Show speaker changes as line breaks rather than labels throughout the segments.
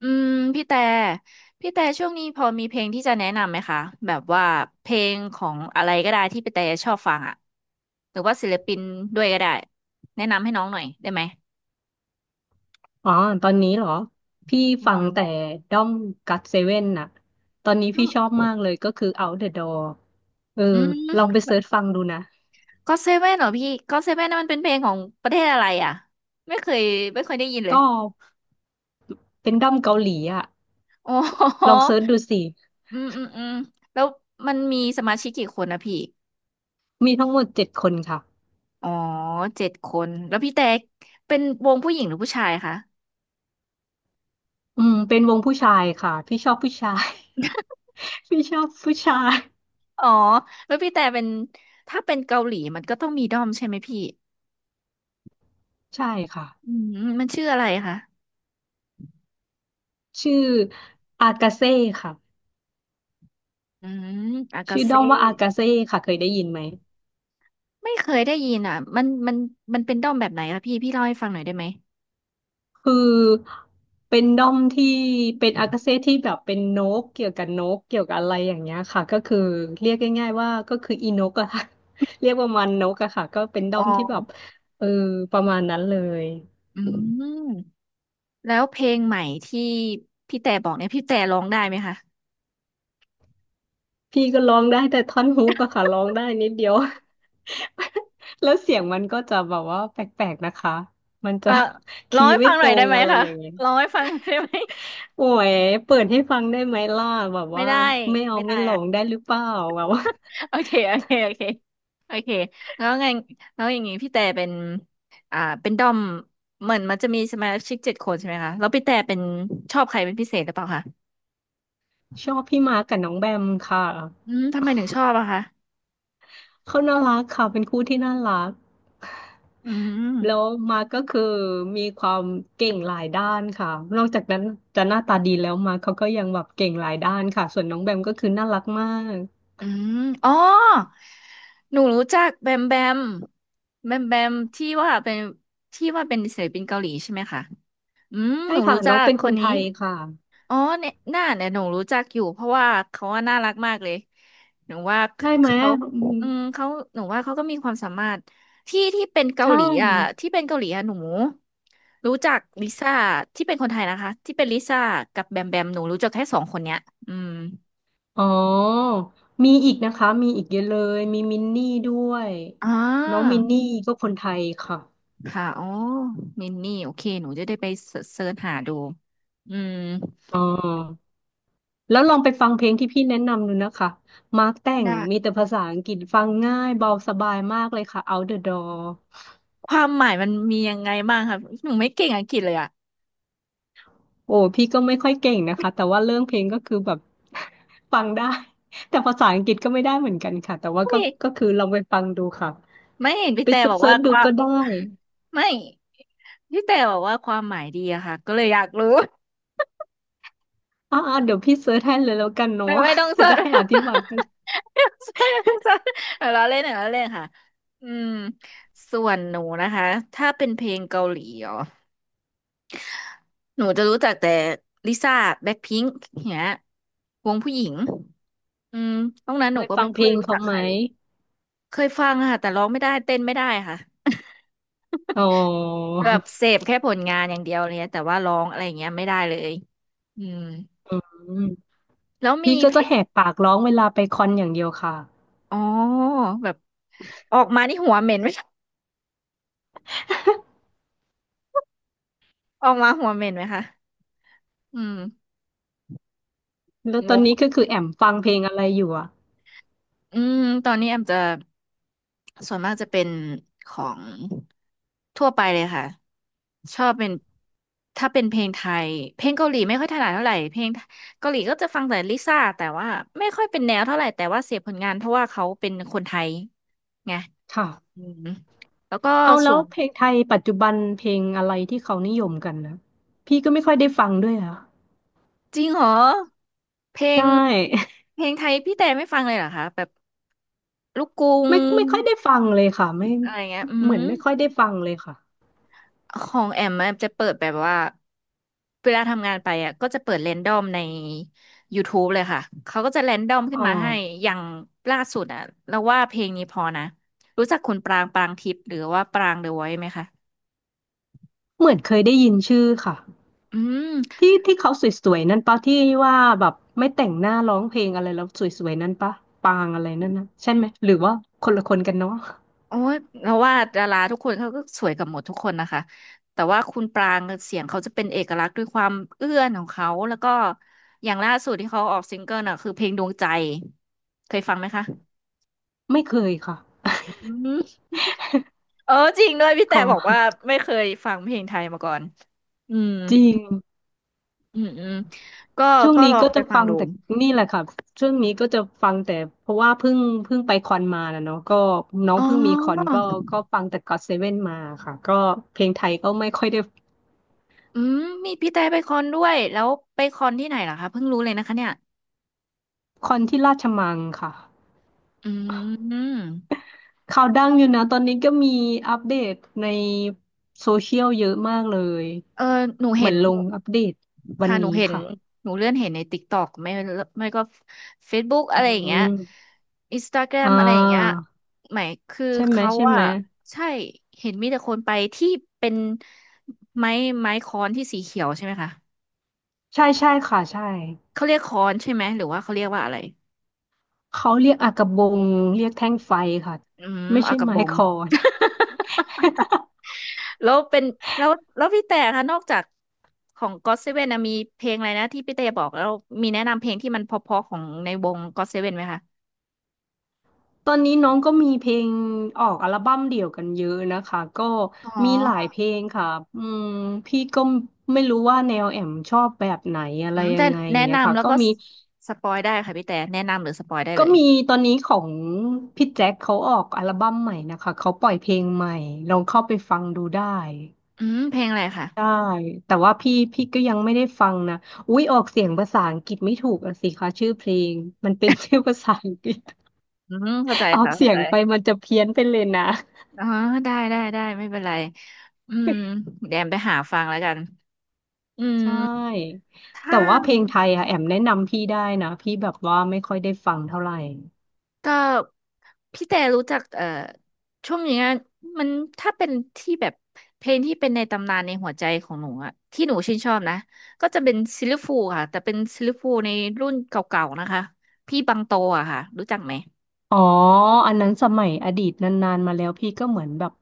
อืมพี่แต่พี่แต่ช่วงนี้พอมีเพลงที่จะแนะนำไหมคะแบบว่าเพลงของอะไรก็ได้ที่พี่แต่ชอบฟังอ่ะหรือว่าศิลปินด้วยก็ได้แนะนำให้น้องหน่อยได้ไหม
อ๋อตอนนี้เหรอ พี่
อื
ฟัง
ม
แต่ด้อมกัดเซเว่นน่ะตอนนี้
ก็
พี่ชอบมากเลยก็คือ Out the Door เออ
อื
ลอง
ม
ไปเสิร์ชฟังดูนะ
ก็เซเว่นเหรอพี่ก็เซเว่นนมันเป็นเพลงของประเทศอะไรอ่ะไม่เคยไม่เคยได้ยินเล
ก็
ย
เป็นด้อมเกาหลีอ่ะ
โอ๋
ล
อ
องเสิร์ชดูสิ
อืมอืมอืมแล้วมันมีสมาชิกกี่คนนะพี่
มีทั้งหมดเจ็ดคนค่ะ
อ๋อเจ็ดคนแล้วพี่แต่เป็นวงผู้หญิงหรือผู้ชายคะ
อืมเป็นวงผู้ชายค่ะพี่ชอบผู้ชาย พี่ชอบผู้ชาย
อ๋อแล้วพี่แต่เป็นถ้าเป็นเกาหลีมันก็ต้องมีด้อมใช่ไหมพี่
ใช่ค่ะ
อืมมันชื่ออะไรคะ
ชื่ออากาเซ่ค่ะ
อืมอากา
ชื่อด้
เซ่
อมว่าอากาเซ่ค่ะเคยได้ยินไหม
ไม่เคยได้ยินอ่ะมันมันเป็นด้อมแบบไหนล่ะพี่พี่เล่าให้ฟังหน่อยได้ไหม
คือเป็นด้อมที่เป็นอากาเซ่ที่แบบเป็นนกเกี่ยวกับนกเกี่ยวกับอะไรอย่างเงี้ยค่ะก็คือเรียกง่ายๆว่าก็คืออีนกอะค่ะ เรียกประมาณนกอะค่ะก็เป็นด้
อ๋
อมที่แบบ
อ
เออประมาณนั้นเลย
อืมแล้วเพลงใหม่ที่พี่แต่บอกเนี่ยพี่แต่ร้องได้ไหมคะ
พี่ก็ร้องได้แต่ท่อนฮุกอะค่ะร้องได้นิดเดียว แล้วเสียงมันก็จะแบบว่าแปลกๆนะคะมัน
เอ
จะ
อ ร้อ
คี
ง
ย์
ให้
ไม่
ฟังห
ต
น่อ
ร
ยได้
ง
ไหม
อะไร
คะ
อย่างเงี้ย
ร้องให้ฟังหน่อยได้ไหม
โอ้ยเปิดให้ฟังได้ไหมล่ะแบบ
ไม่
ว่า
ได้
ไม่เอา
ไม่ได้
ไม่หล
อ่ะ
งได้หรือเปล่าแบบว่า
โอเคโอเค โอเค โอเค แล้วไงแล้วอย่างงี้พี่แต่เป็น เป็นดอมเหมือนมันจะมีสมาชิกเจ็ดคนใช่ไหมคะแล้วพี่แต่เป็นชอบใครเป็นพิเศษหรือเปล่าคะ
ชอบพี่มาร์กกับน้องแบมค่ะ
อืมทำไมถึงชอบอะคะ
เขาน่ารักค่ะเป็นคู่ที่น่ารัก
อื
แล้ว
ม
มาร์กก็คือมีความเก่งหลายด้านค่ะนอกจากนั้นจะหน้าตาดีแล้วมาร์กเขาก็ยังแบบเก่งหลายด้านค่ะส่วนน้องแบมก็คือน่ารักมาก
อืมอ๋อหนูรู้จักแบมแบมแบมแบมที่ว่าเป็นที่ว่าเป็นศิลปินเกาหลีใช่ไหมคะอืม
ใช่
หนู
ค่ะ
รู้
น้
จั
อง
ก
เป็น
ค
คน
น
ไท
นี้
ยค่ะ
อ๋อเนี่ยหน้าเนี่ยหนูรู้จักอยู่เพราะว่าเขาว่าน่ารักมากเลยหนูว่า
ใช่ไหม
เขา
อืม
อืมเขาหนูว่าเขาก็มีความสามารถที่ที่เป็นเกา
ใช่
หลีอ่ะที่เป็นเกาหลีอ่ะหนูรู้จักลิซ่าที่เป็นคนไทยนะคะที่เป็นลิซ่ากับแบมแบมหนูรู้จักแค่สองคนเนี้ยอืม
อ๋อมีอีกนะคะมีอีกเยอะเลยมีมินนี่ด้วย
อ่า
น้องมินนี่ก็คนไทยค่ะ
ค่ะอ๋อมินนี่โอเคหนูจะได้ไปเสิร์ชหาดูอืม
อ๋อ แล้วลองไปฟังเพลงที่พี่แนะนำดูนะคะมาร์คแต่ง
ได้
มีแต่ภาษาอังกฤษฟังง่ายเบาสบายมากเลยค่ะ Out the Door
ความหมายมันมียังไงบ้างคะหนูไม่เก่งอังกฤษเลยอ่ะ
โอ้พี่ก็ไม่ค่อยเก่งนะคะแต่ว่าเรื่องเพลงก็คือแบบ ฟังได้ แต่ภาษาอังกฤษก็ไม่ได้เหมือนกันค่ะ แต่ว่าก็คือลองไปฟังดูค่ะ
ไม่เห็นพี่
ไป
แต่
เซ
บอก
ิ
ว่า
ร์ชๆ
ค
ดู
วาม
ก็ได้
ไม่พี่แต่บอกว่าความหมายดีอะค่ะก็เลยอยากรู้
อ่าๆเดี๋ยวพี่เซิร์ชให้เลยแล้วกันเนาะ
ไม่ไม่ต้อง ส
จะ
ด
ได้อธิบายกัน
ไม่ต้องเสิ รไม่ต้องเสดเอาล้อเล่นเอาล้อเล่นค่ะอืมส่วนหนูนะคะถ้าเป็นเพลงเกาหลีอ๋อหนูจะรู้จักแต่ลิซ่าแบ็คพิงค์เนี้ยวงผู้หญิงอืมนอกนั้น
เค
หนู
ย
ก็
ฟั
ไม่
งเพ
ค่
ล
อย
ง
รู้
เขา
จักใค
ไหม
รเลยเคยฟังค่ะแต่ร้องไม่ได้เต้นไม่ได้ค่ะ
อ๋อ
แบบเสพแค่ผลงานอย่างเดียวเลยนะแต่ว่าร้องอะไรอย่างเงี้ยไม่ได้เลยอืม
อืม
แล้วมี
พี่ก็
เพล
จะ
ง
แหกปากร้องเวลาไปคอนอย่างเดียวค่ะ
อ๋อแบบออกมานี่หัวเหม็นไหม ออกมาหัวเหม็นไหมคะอืม
แล้ว
ง
ตอน
ง
นี้ก็คือแอมฟังเพลงอะไรอยู่อ่ะ
อืมตอนนี้แอมจะส่วนมากจะเป็นของทั่วไปเลยค่ะชอบเป็นถ้าเป็นเพลงไทยเพลงเกาหลีไม่ค่อยถนัดเท่าไหร่เพลงเกาหลีก็จะฟังแต่ลิซ่าแต่ว่าไม่ค่อยเป็นแนวเท่าไหร่แต่ว่าเสพผลงานเพราะว่าเขาเป็นคนไทยไง
ค่ะ
อืมแล้วก็
เอา
ส่
แล้
ว
ว
น
เพลงไทยปัจจุบันเพลงอะไรที่เขานิยมกันนะพี่ก็ไม่ค่อยได้ฟังด้วยอ่ะ
จริงเหรอเพล
ใช
ง
่
เพลงไทยพี่แต่ไม่ฟังเลยเหรอคะแบบลูกกรุง
ไม่ไม่ค่อยได้ฟังเลยค่ะไม่
อะไรเงี้ยอื
เหมือ
ม
นไม่ค่อยได้ฟังเลยค่ะ
ของแอมมันจะเปิดแบบว่าเวลาทำงานไปอ่ะก็จะเปิดแรนดอมใน YouTube เลยค่ะเขาก็จะแรนดอมขึ้
อ๋
น
อ
มาให้อย่างล่าสุดอ่ะเราว่าเพลงนี้พอนะรู้จักคุณปรางปรางทิพย์หรือว่าปรางเดอะไว c ์ไหมคะ
เหมือนเคยได้ยินชื่อค่ะ
อืม
ที่ที่เขาสวยๆนั่นปะที่ว่าแบบไม่แต่งหน้าร้องเพลงอะไรแล้วสวยๆนั่นปะปางอะไรนั่นนะใช่ไหมหรือว่าคนละคนกันเนาะ
โอ้ยเราว่าดาราทุกคนเขาก็สวยกับหมดทุกคนนะคะแต่ว่าคุณปรางเสียงเขาจะเป็นเอกลักษณ์ด้วยความเอื้อนของเขาแล้วก็อย่างล่าสุดที่เขาออกซิงเกิลน่ะคือเพลงดวงใจเคยฟังไหมคะ
ไม่เคยค่ะ
อืมเออจริงด้วยพี่
ข
แต่
อ
บอกว่าไม่เคยฟังเพลงไทยมาก่อนอืม
จริง
อืมอืมก็
ช่วงนี้
ลอง
ก็
ไป
จะ
ฟัง
ฟัง
ดู
แต่นี่แหละค่ะช่วงนี้ก็จะฟังแต่เพราะว่าเพิ่งไปคอนมานะเนาะก็น้อง
อ๋อ
เพิ่งมีคอนก็ก็ฟังแต่ก็อตเซเว่นมาค่ะก็เพลงไทยก็ไม่ค่อยได้
อืมมีพี่แต่ไปคอนด้วยแล้วไปคอนที่ไหนเหรอคะเพิ่งรู้เลยนะคะเนี่ย
คอนที่ราชมังค่ะ
อืม
ข่าวดังอยู่นะตอนนี้ก็มีอัปเดตในโซเชียลเยอะมากเลย
เออหนู
เหมื
เห็
อน
น
ลงอัปเดตวัน
ค่ะหนู
นี้
เห็น
ค่ะ
หนูเลื่อนเห็นในติ๊กต็อกไม่ไม่ก็เฟซบุ๊กอะ
อื
ไรอย่างเงี้ย
ม
อินสตาแกร
อ่
มอะไรอย่างเงี้ย
า
หมายคือ
ใช่ไหม
เขา
ใช่ไห
อะ
ม
ใช่เห็นมีแต่คนไปที่เป็นไม้ไม้ค้อนที่สีเขียวใช่ไหมคะ
ใช่ใช่ค่ะใช่
เขาเรียกค้อนใช่ไหมหรือว่าเขาเรียกว่าอะไร
เขาเรียกอากะบงเรียกแท่งไฟค่ะ
อืม
ไม่
เอา
ใช่
กระ
ไม้
บอง
คอน
แล้วเป็นแล้วแล้วพี่แต่คะนอกจากของ g o ว่นนะมีเพลงอะไรนะที่พี่แต่บอกแล้วมีแนะนำเพลงที่มันเพราะๆของในวง g o ่นไหมคะ
ตอนนี้น้องก็มีเพลงออกอัลบั้มเดี่ยวกันเยอะนะคะก็
อ๋อ
มีหลายเพลงค่ะอืมพี่ก็ไม่รู้ว่าแนวแอมชอบแบบไหนอะ
อื
ไร
ม
ยั
แต่
งไงอ
แนะ
ย่างเงี้ย
นำ
ค่ะ
แล้ว
ก็
ก็
มี
สปอยได้ค่ะพี่แต่แนะนำหรือสปอยได้
ก็
เลย
มีตอนนี้ของพี่แจ็คเขาออกอัลบั้มใหม่นะคะเขาปล่อยเพลงใหม่ลองเข้าไปฟังดูได้
อืมเพลงอะไรค่ะ
ได้แต่ว่าพี่ก็ยังไม่ได้ฟังนะอุ๊ยออกเสียงภาษาอังกฤษไม่ถูกอะสิคะชื่อเพลงมันเป็น ชื่อภาษาอังกฤษ
อืมเข้าใจ
ออก
ค่ะเข้า
เสีย
ใจ
งไปมันจะเพี้ยนไปเลยนะ
อ๋อได้ได้ได้ไม่เป็นไรอืมแดมไปหาฟังแล้วกันอื
ใช
ม
่แต่
ถ้า
ว่าเพลงไทยอะแอมแนะนำพี่ได้นะพี่แบบว่าไม่ค่อยได้ฟังเท่าไหร่
ก็พี่แต่รู้จักช่วงนี้อะมันถ้าเป็นที่แบบเพลงที่เป็นในตำนานในหัวใจของหนูอะที่หนูชื่นชอบนะก็จะเป็นซิลลิฟูลค่ะแต่เป็นซิลลิฟูลในรุ่นเก่าๆนะคะพี่บังโตอะค่ะรู้จักไหม
อ๋ออันนั้นสมัยอดีตนานๆมาแล้วพี่ก็เหมือนแบบ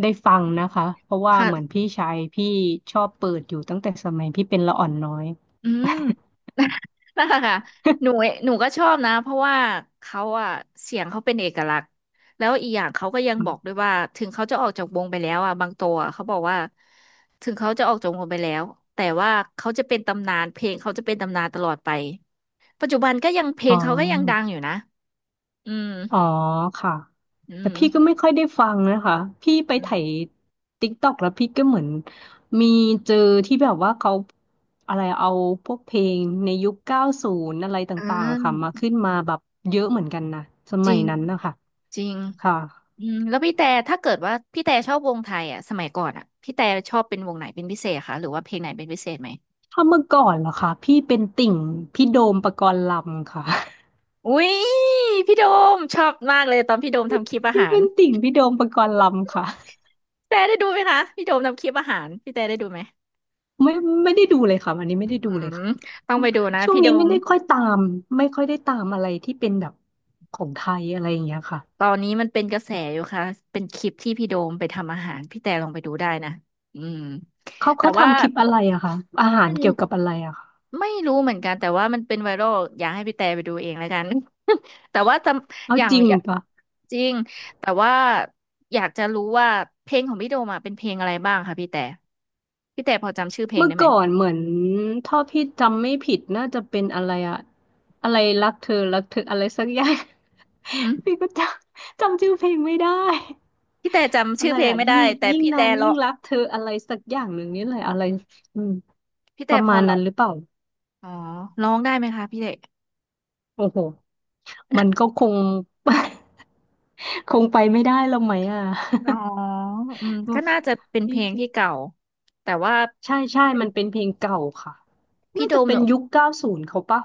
ได้ฟังนะคะเพราะว่าเหมือนพี่ชายพี่ชอบเปิดอยู่ตั้งแต่สมัยพี่เป็นละอ่อนน้อย
อืม นั่นแหละค่ะหนูหนูก็ชอบนะเพราะว่าเขาอะเสียงเขาเป็นเอกลักษณ์แล้วอีกอย่างเขาก็ยัง
อ
บอกด้ว
ม
ยว่าถึงเขาจะออกจากวงไปแล้วอะบางตัวอะเขาบอกว่าถึงเขาจะออกจากวงไปแล้วแต่ว่าเขาจะเป็นตำนานเพลงเขาจะเป็นตำนานตลอดไปปัจจุบันก็ยังเพล
อ๋อ
งเขาก็ยังดังอยู่นะอืม
อ๋อค่ะ
อื
แต่
ม
พี่ก็ไม่ค่อยได้ฟังนะคะพี่ไป
อื
ไถ
ม
ติ๊กต็อกแล้วพี่ก็เหมือนมีเจอที่แบบว่าเขาอะไรเอาพวกเพลงในยุคเก้าศูนย์อะไร
อ่
ต่างๆอะค่ะมา
า
ขึ้นมาแบบเยอะเหมือนกันนะส
จ
มั
ริ
ย
ง
นั้นนะคะ
จริง
ค่ะ
อืมแล้วพี่แต่ถ้าเกิดว่าพี่แต่ชอบวงไทยอ่ะสมัยก่อนอ่ะพี่แต่ชอบเป็นวงไหนเป็นพิเศษคะหรือว่าเพลงไหนเป็นพิเศษไหม
ถ้าเมื่อก่อนเหรอคะพี่เป็นติ่งพี่โดมปกรณ์ลำค่ะ
อุ้ยพี่โดมชอบมากเลยตอนพี่โดมทำคลิป อา
พี่
หาร
เป็นติ่งพี่โดมปกรณ์ลำค่ะ
พี่แต่ได้ดูไหมคะพี่โดมทำคลิปอาหารพี่แต่ได้ดูไหม
ไม่ไม่ได้ดูเลยค่ะวันนี้ไม่ได้
อื
ดูเลย
ม
ค่ะ
ต้องไปดูนะ
ช่วง
พี่โด
นี้ไม่
ม
ได้ค่อยตามไม่ค่อยได้ตามอะไรที่เป็นแบบของไทยอะไรอย่างเงี้ยค่ะ
ตอนนี้มันเป็นกระแสอยู่ค่ะเป็นคลิปที่พี่โดมไปทำอาหารพี่แต่ลองไปดูได้นะอืม
เขา
แต่
เขา
ว่า
ทำคลิปอะไรอะคะอาหารเกี่ยวกับอะไรอะคะ
ไม่รู้เหมือนกันแต่ว่ามันเป็นไวรัลอยากให้พี่แต่ไปดูเองแล้วกัน แต่ว่าจำ
เอา
อย่าง
จริง
อย่า
ปะ
จริงแต่ว่าอยากจะรู้ว่าเพลงของพี่โดมอะเป็นเพลงอะไรบ้างคะพี่แต่พี่แต่พอจำชื่อเพลง
เมื่อ
ได้ไหม
ก่อนเหมือนถ้าพี่จำไม่ผิดน่าจะเป็นอะไรอะอะไรรักเธอรักเธออะไรสักอย่าง
อืม
พี่ก็จำชื่อเพลงไม่ได้
พี่แต่จำ
อะ
ชื่อ
ไร
เพลง
อะ
ไม่
ยิ่ง
ได้แต่
ยิ่ง
พี่
นา
แต่
น
ร้
ยิ่
อ
ง
ง
รักเธออะไรสักอย่างหนึ่งนี่แหละอะไรอืม
พี่
ป
แต่
ระ
พ
มา
อ
ณ
ร้อ
นั้น
ง
หรือเปล่า
อ๋อร้องได้ไหมคะพี่แต่
โอ้โห มันก็คง คงไปไม่ได้แล้วไหมอ่ะ
อ๋ออืมก็ น่าจะเป็นเพ
พี่
ลงที่เก่าแต่ว่า
ใช่ใช่มันเป็นเพลงเก่าค่ะ
พี่
น่า
โด
จะ
ม
เป็
เนี่
น
ย
ยุคเก้าศูนย์เขาปะ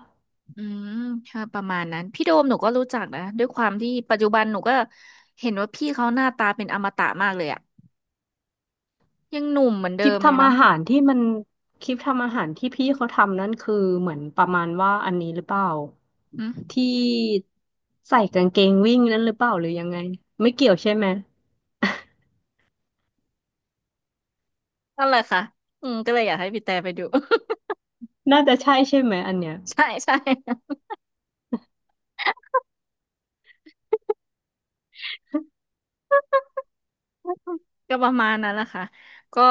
อืมค่ะประมาณนั้นพี่โดมหนูก็รู้จักนะด้วยความที่ปัจจุบันหนูก็เห็นว่าพี่เขาหน้าตาเป็นอมตะมากเลยอะยังหนุ่มเหมือน
ค
เดิ
ลิป
มเลย
ทำ
เนาะ
อาหารที่มันคลิปทำอาหารที่พี่เขาทำนั่นคือเหมือนประมาณว่าอันนี้หรือเปล่า
อืม
ที่ใส่กางเกงวิ่งนั่นหรือเปล่าหรือยังไงไม่เกี่ยวใช่ไหม
นั่นแหละค่ะอืมก็เลยอยากให้พี่แต่ไปดู
น่าจะใช่ใช่ไหมอันเนี้ย
ใช่ใช่ก็ประมาณนั้นแหละค่ะก็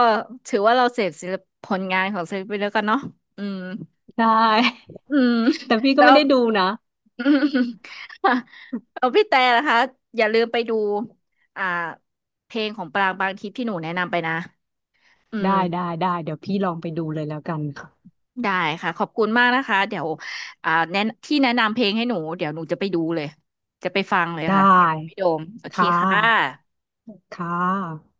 ถือว่าเราเสพศิลปผลงานของศิลปินแล้วกันเนาะอืม
ได้
อืม
แต่พี่ก็
แล้
ไม่
ว
ได้ดูนะ
อืมค่ะเอาพี่แต่นะคะอย่าลืมไปดูอ่าเพลงของปรางบางทิพย์ที่หนูแนะนำไปนะอืม
ได้ได้ได้เดี๋ยวพี่ลองไปดูเลยแล้วกันค่ะ
ได้ค่ะขอบคุณมากนะคะเดี๋ยวอ่าแนะที่แนะนำเพลงให้หนูเดี๋ยวหนูจะไปดูเลยจะไปฟังเลย
ได้
ค่ะเดี๋ยวไปโดมโอเค
ค่
ค่ะ
ะค่ะ